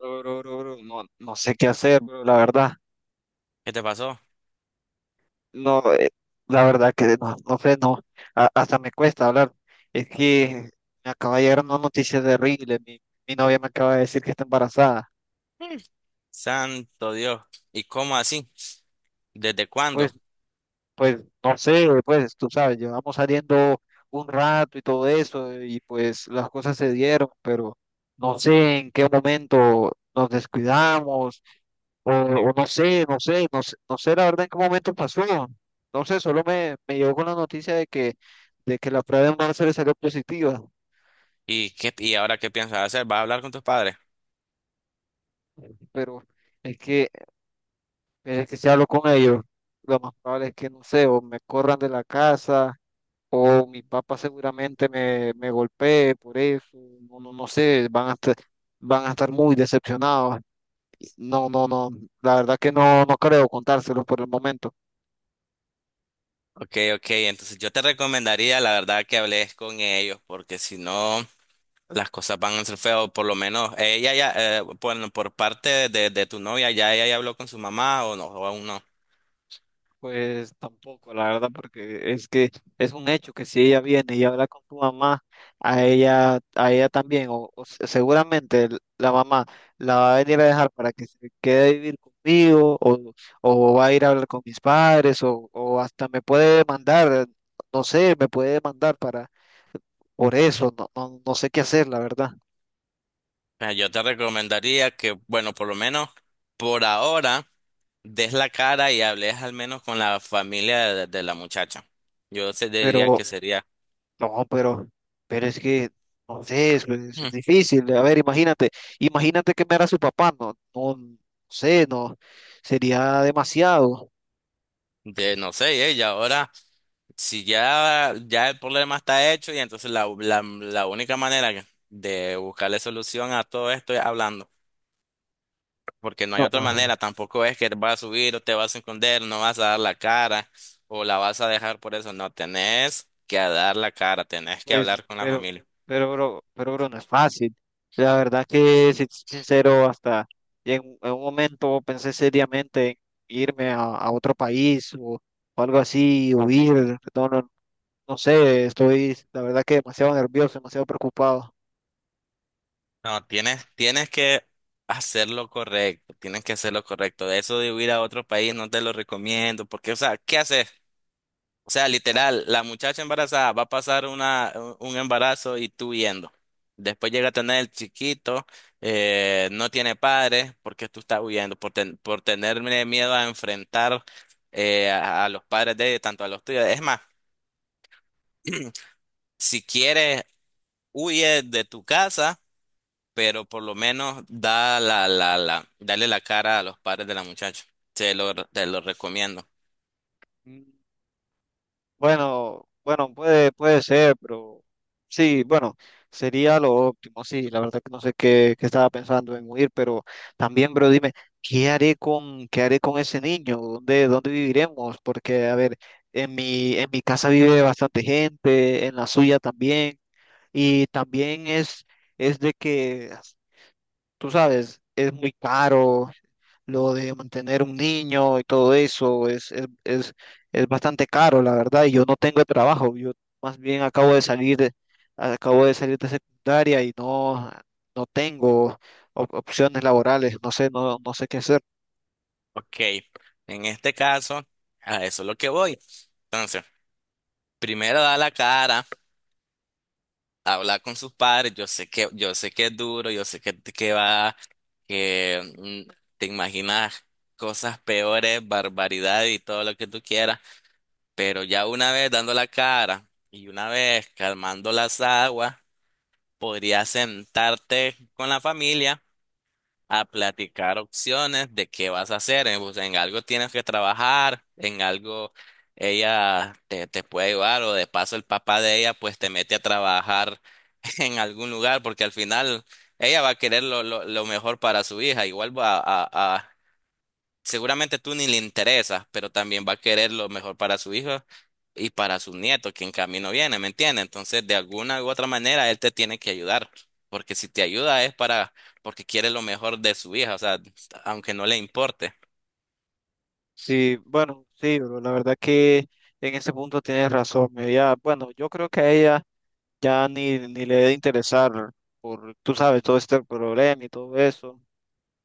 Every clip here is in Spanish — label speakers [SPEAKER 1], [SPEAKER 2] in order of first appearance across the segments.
[SPEAKER 1] Bro, bro, bro, bro, no, no sé qué hacer, bro, la verdad.
[SPEAKER 2] ¿Qué te pasó?
[SPEAKER 1] No, la verdad que no, no sé, no. a- hasta me cuesta hablar. Es que me acaba de llegar una noticia terrible. Mi novia me acaba de decir que está embarazada.
[SPEAKER 2] Mm. Santo Dios. ¿Y cómo así? ¿Desde
[SPEAKER 1] Pues,
[SPEAKER 2] cuándo?
[SPEAKER 1] pues, no sé, pues, tú sabes, llevamos saliendo un rato y todo eso, y pues las cosas se dieron, pero no sé en qué momento nos descuidamos. O no sé, no sé la verdad en qué momento pasó. No sé, solo me llegó con la noticia de que la prueba de embarazo le salió positiva,
[SPEAKER 2] ¿Y ahora qué piensas hacer? ¿Vas a hablar con tus padres?
[SPEAKER 1] pero es que, es que si hablo con ellos, lo más probable es que, no sé, o me corran de la casa, o mi papá seguramente me golpee por eso, no, no, no sé, van a estar muy decepcionados. No, no, no, la verdad que no, no creo contárselos por el momento.
[SPEAKER 2] Ok, ok. Entonces yo te recomendaría, la verdad, que hables con ellos, porque si no, las cosas van a ser feas. Por lo menos ella ya, bueno, por parte de tu novia, ya ella ya habló con su mamá o no, o aún no.
[SPEAKER 1] Pues tampoco, la verdad, porque es que es un hecho que si ella viene y habla con tu mamá, a ella también, seguramente la mamá la va a venir a dejar para que se quede a vivir conmigo, o va a ir a hablar con mis padres, o hasta me puede demandar, no sé, me puede demandar para por eso, no, no, no sé qué hacer, la verdad.
[SPEAKER 2] Yo te recomendaría que, bueno, por lo menos por ahora, des la cara y hables al menos con la familia de la muchacha. Yo se diría
[SPEAKER 1] Pero
[SPEAKER 2] que sería.
[SPEAKER 1] No, pero, pero es que, no sé, es
[SPEAKER 2] Hmm.
[SPEAKER 1] difícil. A ver, imagínate que me era su papá, no, no, no sé, no, sería demasiado.
[SPEAKER 2] No sé, y ahora, si ya el problema está hecho, y entonces la única manera de buscarle solución a todo esto es hablando, porque no hay
[SPEAKER 1] No,
[SPEAKER 2] otra
[SPEAKER 1] ah,
[SPEAKER 2] manera, tampoco es que te vas a subir o te vas a esconder, no vas a dar la cara o la vas a dejar por eso, no, tenés que dar la cara, tenés que
[SPEAKER 1] pues, no,
[SPEAKER 2] hablar con la familia,
[SPEAKER 1] pero, bro, no es fácil. La verdad que, si te soy sincero, hasta en un momento pensé seriamente en irme a otro país o algo así, huir, no, no, no sé, estoy, la verdad que demasiado nervioso, demasiado preocupado.
[SPEAKER 2] no, tienes que hacer lo correcto, tienes que hacer lo correcto, de eso de huir a otro país no te lo recomiendo, porque, o sea, ¿qué haces? O sea, literal, la muchacha embarazada va a pasar una, un embarazo y tú huyendo. Después llega a tener el chiquito, no tiene padres porque tú estás huyendo, por tenerle miedo a enfrentar a los padres de ella, tanto a los tuyos. Es más, si quieres, huye de tu casa, pero por lo menos da la, la, la, dale la cara a los padres de la muchacha. Te lo recomiendo.
[SPEAKER 1] Bueno, bueno, puede ser, pero sí, bueno, sería lo óptimo, sí, la verdad que no sé qué estaba pensando en huir, pero también, bro, dime, ¿qué haré con ese niño? ¿Dónde viviremos? Porque, a ver, en mi casa vive bastante gente, en la suya también, y también es de que, tú sabes, es muy caro, lo de mantener un niño y todo eso es bastante caro, la verdad, y yo no tengo trabajo, yo más bien acabo de salir de secundaria y no, no tengo opciones laborales, no sé, no, no sé qué hacer.
[SPEAKER 2] Ok, en este caso, a eso es lo que voy. Entonces. Primero da la cara, habla con sus padres, yo sé que es duro, yo sé que, que mm, te imaginas cosas peores, barbaridad y todo lo que tú quieras, pero ya una vez dando la cara y una vez calmando las aguas, podrías sentarte con la familia a platicar opciones de qué vas a hacer. Pues, en algo tienes que trabajar, en algo ella te puede ayudar o de paso el papá de ella pues te mete a trabajar en algún lugar porque al final ella va a querer lo mejor para su hija. Igual a, seguramente tú ni le interesas, pero también va a querer lo mejor para su hijo y para su nieto, que en camino viene, ¿me entiendes? Entonces, de alguna u otra manera, él te tiene que ayudar, porque si te ayuda porque quiere lo mejor de su hija, o sea, aunque no le importe.
[SPEAKER 1] Y bueno, sí, bro, la verdad que en ese punto tienes razón, bueno, yo creo que a ella ya ni le debe interesar por, tú sabes, todo este problema y todo eso.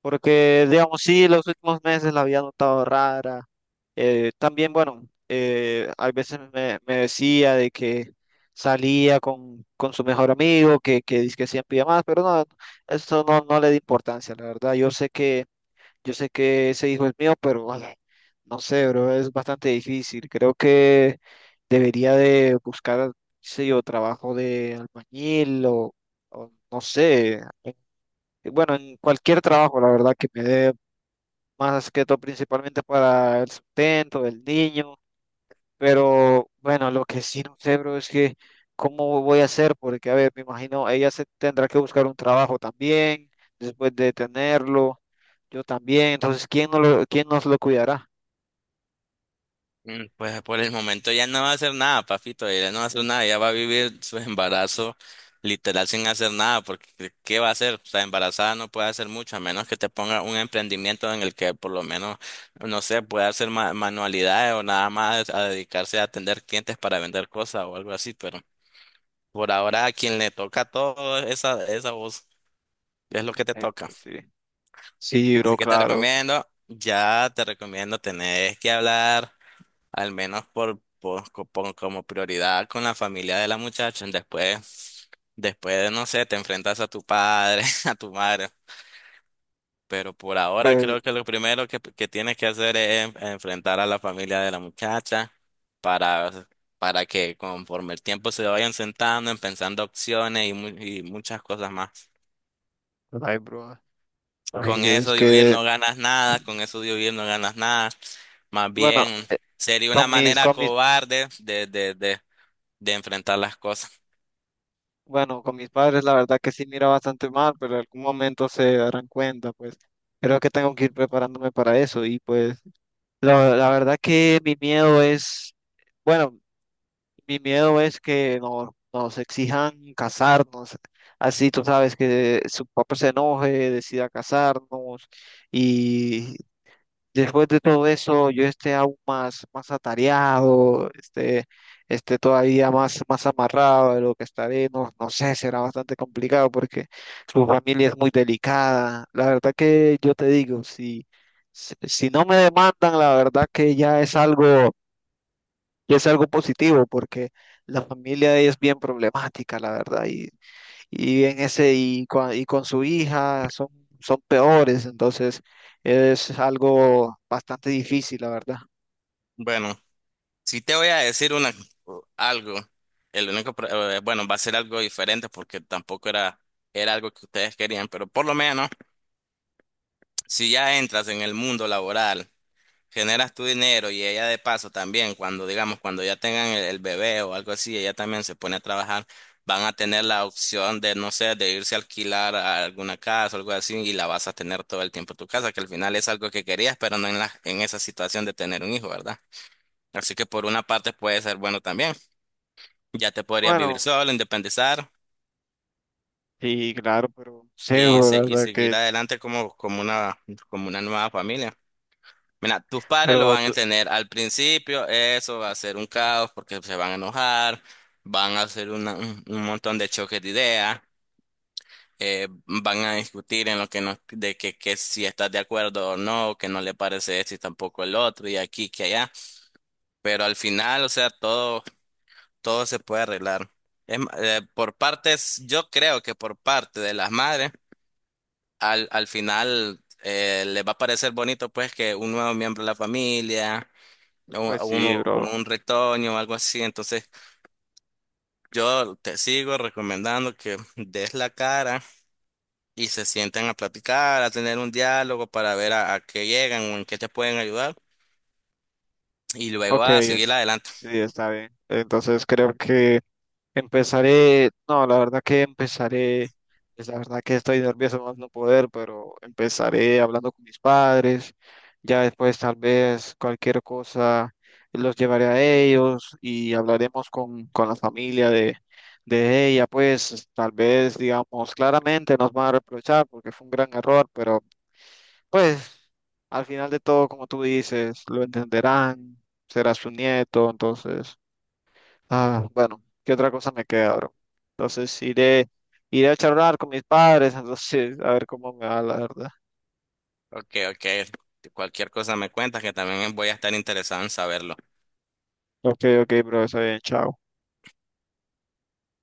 [SPEAKER 1] Porque, digamos, sí, los últimos meses la había notado rara. También, bueno, a veces me decía de que salía con su mejor amigo, que dizque siempre iba más, pero no, eso no, no le di importancia, la verdad. Yo sé que ese hijo es mío, pero ay, no sé, bro, es bastante difícil. Creo que debería de buscar, qué sé yo, trabajo de albañil o no sé. Eh, bueno, en cualquier trabajo, la verdad, que me dé más que todo principalmente para el sustento del niño, pero bueno, lo que sí no sé, bro, es que cómo voy a hacer, porque a ver, me imagino, ella se tendrá que buscar un trabajo también, después de tenerlo, yo también, entonces, ¿quién, no lo, quién nos lo cuidará?
[SPEAKER 2] Pues por el momento ya no va a hacer nada, papito, ella no va a hacer nada, ella va a vivir su embarazo literal sin hacer nada, porque ¿qué va a hacer? O sea, embarazada no puede hacer mucho, a menos que te ponga un emprendimiento en el que por lo menos, no sé, pueda hacer manualidades o nada más a dedicarse a atender clientes para vender cosas o algo así, pero por ahora a quien le toca todo esa voz es lo que te
[SPEAKER 1] Ay,
[SPEAKER 2] toca.
[SPEAKER 1] pero sí. Sí, bro,
[SPEAKER 2] Así que te
[SPEAKER 1] claro,
[SPEAKER 2] recomiendo, ya te recomiendo, tenés que hablar al menos como prioridad con la familia de la muchacha. Después, no sé, te enfrentas a tu padre, a tu madre. Pero por ahora
[SPEAKER 1] pues,
[SPEAKER 2] creo que lo primero que tienes que hacer es enfrentar a la familia de la muchacha para, para que conforme el tiempo se vayan sentando, en pensando opciones y muchas cosas más.
[SPEAKER 1] ay, bro, ay,
[SPEAKER 2] Con eso
[SPEAKER 1] es
[SPEAKER 2] de huir
[SPEAKER 1] que,
[SPEAKER 2] no ganas nada, con eso de huir no ganas nada. Más
[SPEAKER 1] bueno,
[SPEAKER 2] bien sería una
[SPEAKER 1] con mis,
[SPEAKER 2] manera
[SPEAKER 1] con mis
[SPEAKER 2] cobarde de enfrentar las cosas.
[SPEAKER 1] Bueno, con mis padres la verdad que sí mira bastante mal, pero en algún momento se darán cuenta, pues creo que tengo que ir preparándome para eso y pues la verdad que mi miedo es, bueno, mi miedo es que nos exijan casarnos, así tú sabes que su papá se enoje, decida casarnos. Después de todo eso, yo esté aún más, más atareado, esté todavía más, más amarrado de lo que estaré, no, no sé, será bastante complicado porque su familia es muy delicada. La verdad que yo te digo, si, si no me demandan, la verdad que ya es algo positivo porque la familia de ella es bien problemática, la verdad, y en ese y con su hija son, son peores, entonces es algo bastante difícil, la verdad.
[SPEAKER 2] Bueno, si te voy a decir algo, bueno, va a ser algo diferente porque tampoco era algo que ustedes querían, pero por lo menos, si ya entras en el mundo laboral, generas tu dinero y ella de paso también, cuando digamos, cuando ya tengan el bebé o algo así, ella también se pone a trabajar, van a tener la opción de, no sé, de irse a alquilar a alguna casa o algo así y la vas a tener todo el tiempo en tu casa, que al final es algo que querías, pero no en esa situación de tener un hijo, ¿verdad? Así que por una parte puede ser bueno también. Ya te podrías vivir
[SPEAKER 1] Bueno,
[SPEAKER 2] solo, independizar
[SPEAKER 1] sí, claro, pero sí,
[SPEAKER 2] y,
[SPEAKER 1] bro, la
[SPEAKER 2] se- y
[SPEAKER 1] verdad que,
[SPEAKER 2] seguir adelante como, como una nueva familia. Mira, tus padres lo
[SPEAKER 1] pero
[SPEAKER 2] van a
[SPEAKER 1] tú-
[SPEAKER 2] entender. Al principio eso va a ser un caos porque se van a enojar, van a hacer un montón de choques de ideas, van a discutir en lo que no, de que si estás de acuerdo o no, que no le parece esto y tampoco el otro y aquí que allá. Pero al final, o sea, todo se puede arreglar. Por partes, yo creo que por parte de las madres, al final les va a parecer bonito pues que un nuevo miembro de la familia,
[SPEAKER 1] pues sí,
[SPEAKER 2] uno
[SPEAKER 1] bro.
[SPEAKER 2] como un retoño o algo así. Entonces, yo te sigo recomendando que des la cara y se sienten a platicar, a tener un diálogo para ver a qué llegan o en qué te pueden ayudar y luego
[SPEAKER 1] Ok,
[SPEAKER 2] a seguir
[SPEAKER 1] es,
[SPEAKER 2] adelante.
[SPEAKER 1] sí, está bien. Entonces creo que empezaré, no, la verdad que empezaré, es la verdad que estoy nervioso más no poder, pero empezaré hablando con mis padres, ya después tal vez cualquier cosa los llevaré a ellos y hablaremos con la familia de ella, pues tal vez digamos claramente nos van a reprochar porque fue un gran error, pero pues al final de todo, como tú dices, lo entenderán, será su nieto, entonces... Ah, bueno, ¿qué otra cosa me queda, bro? Entonces iré, iré a charlar con mis padres, entonces a ver cómo me va, la verdad.
[SPEAKER 2] Ok, ok. Cualquier cosa me cuentas que también voy a estar interesado en saberlo.
[SPEAKER 1] Ok, ok, bro, está bien, chao.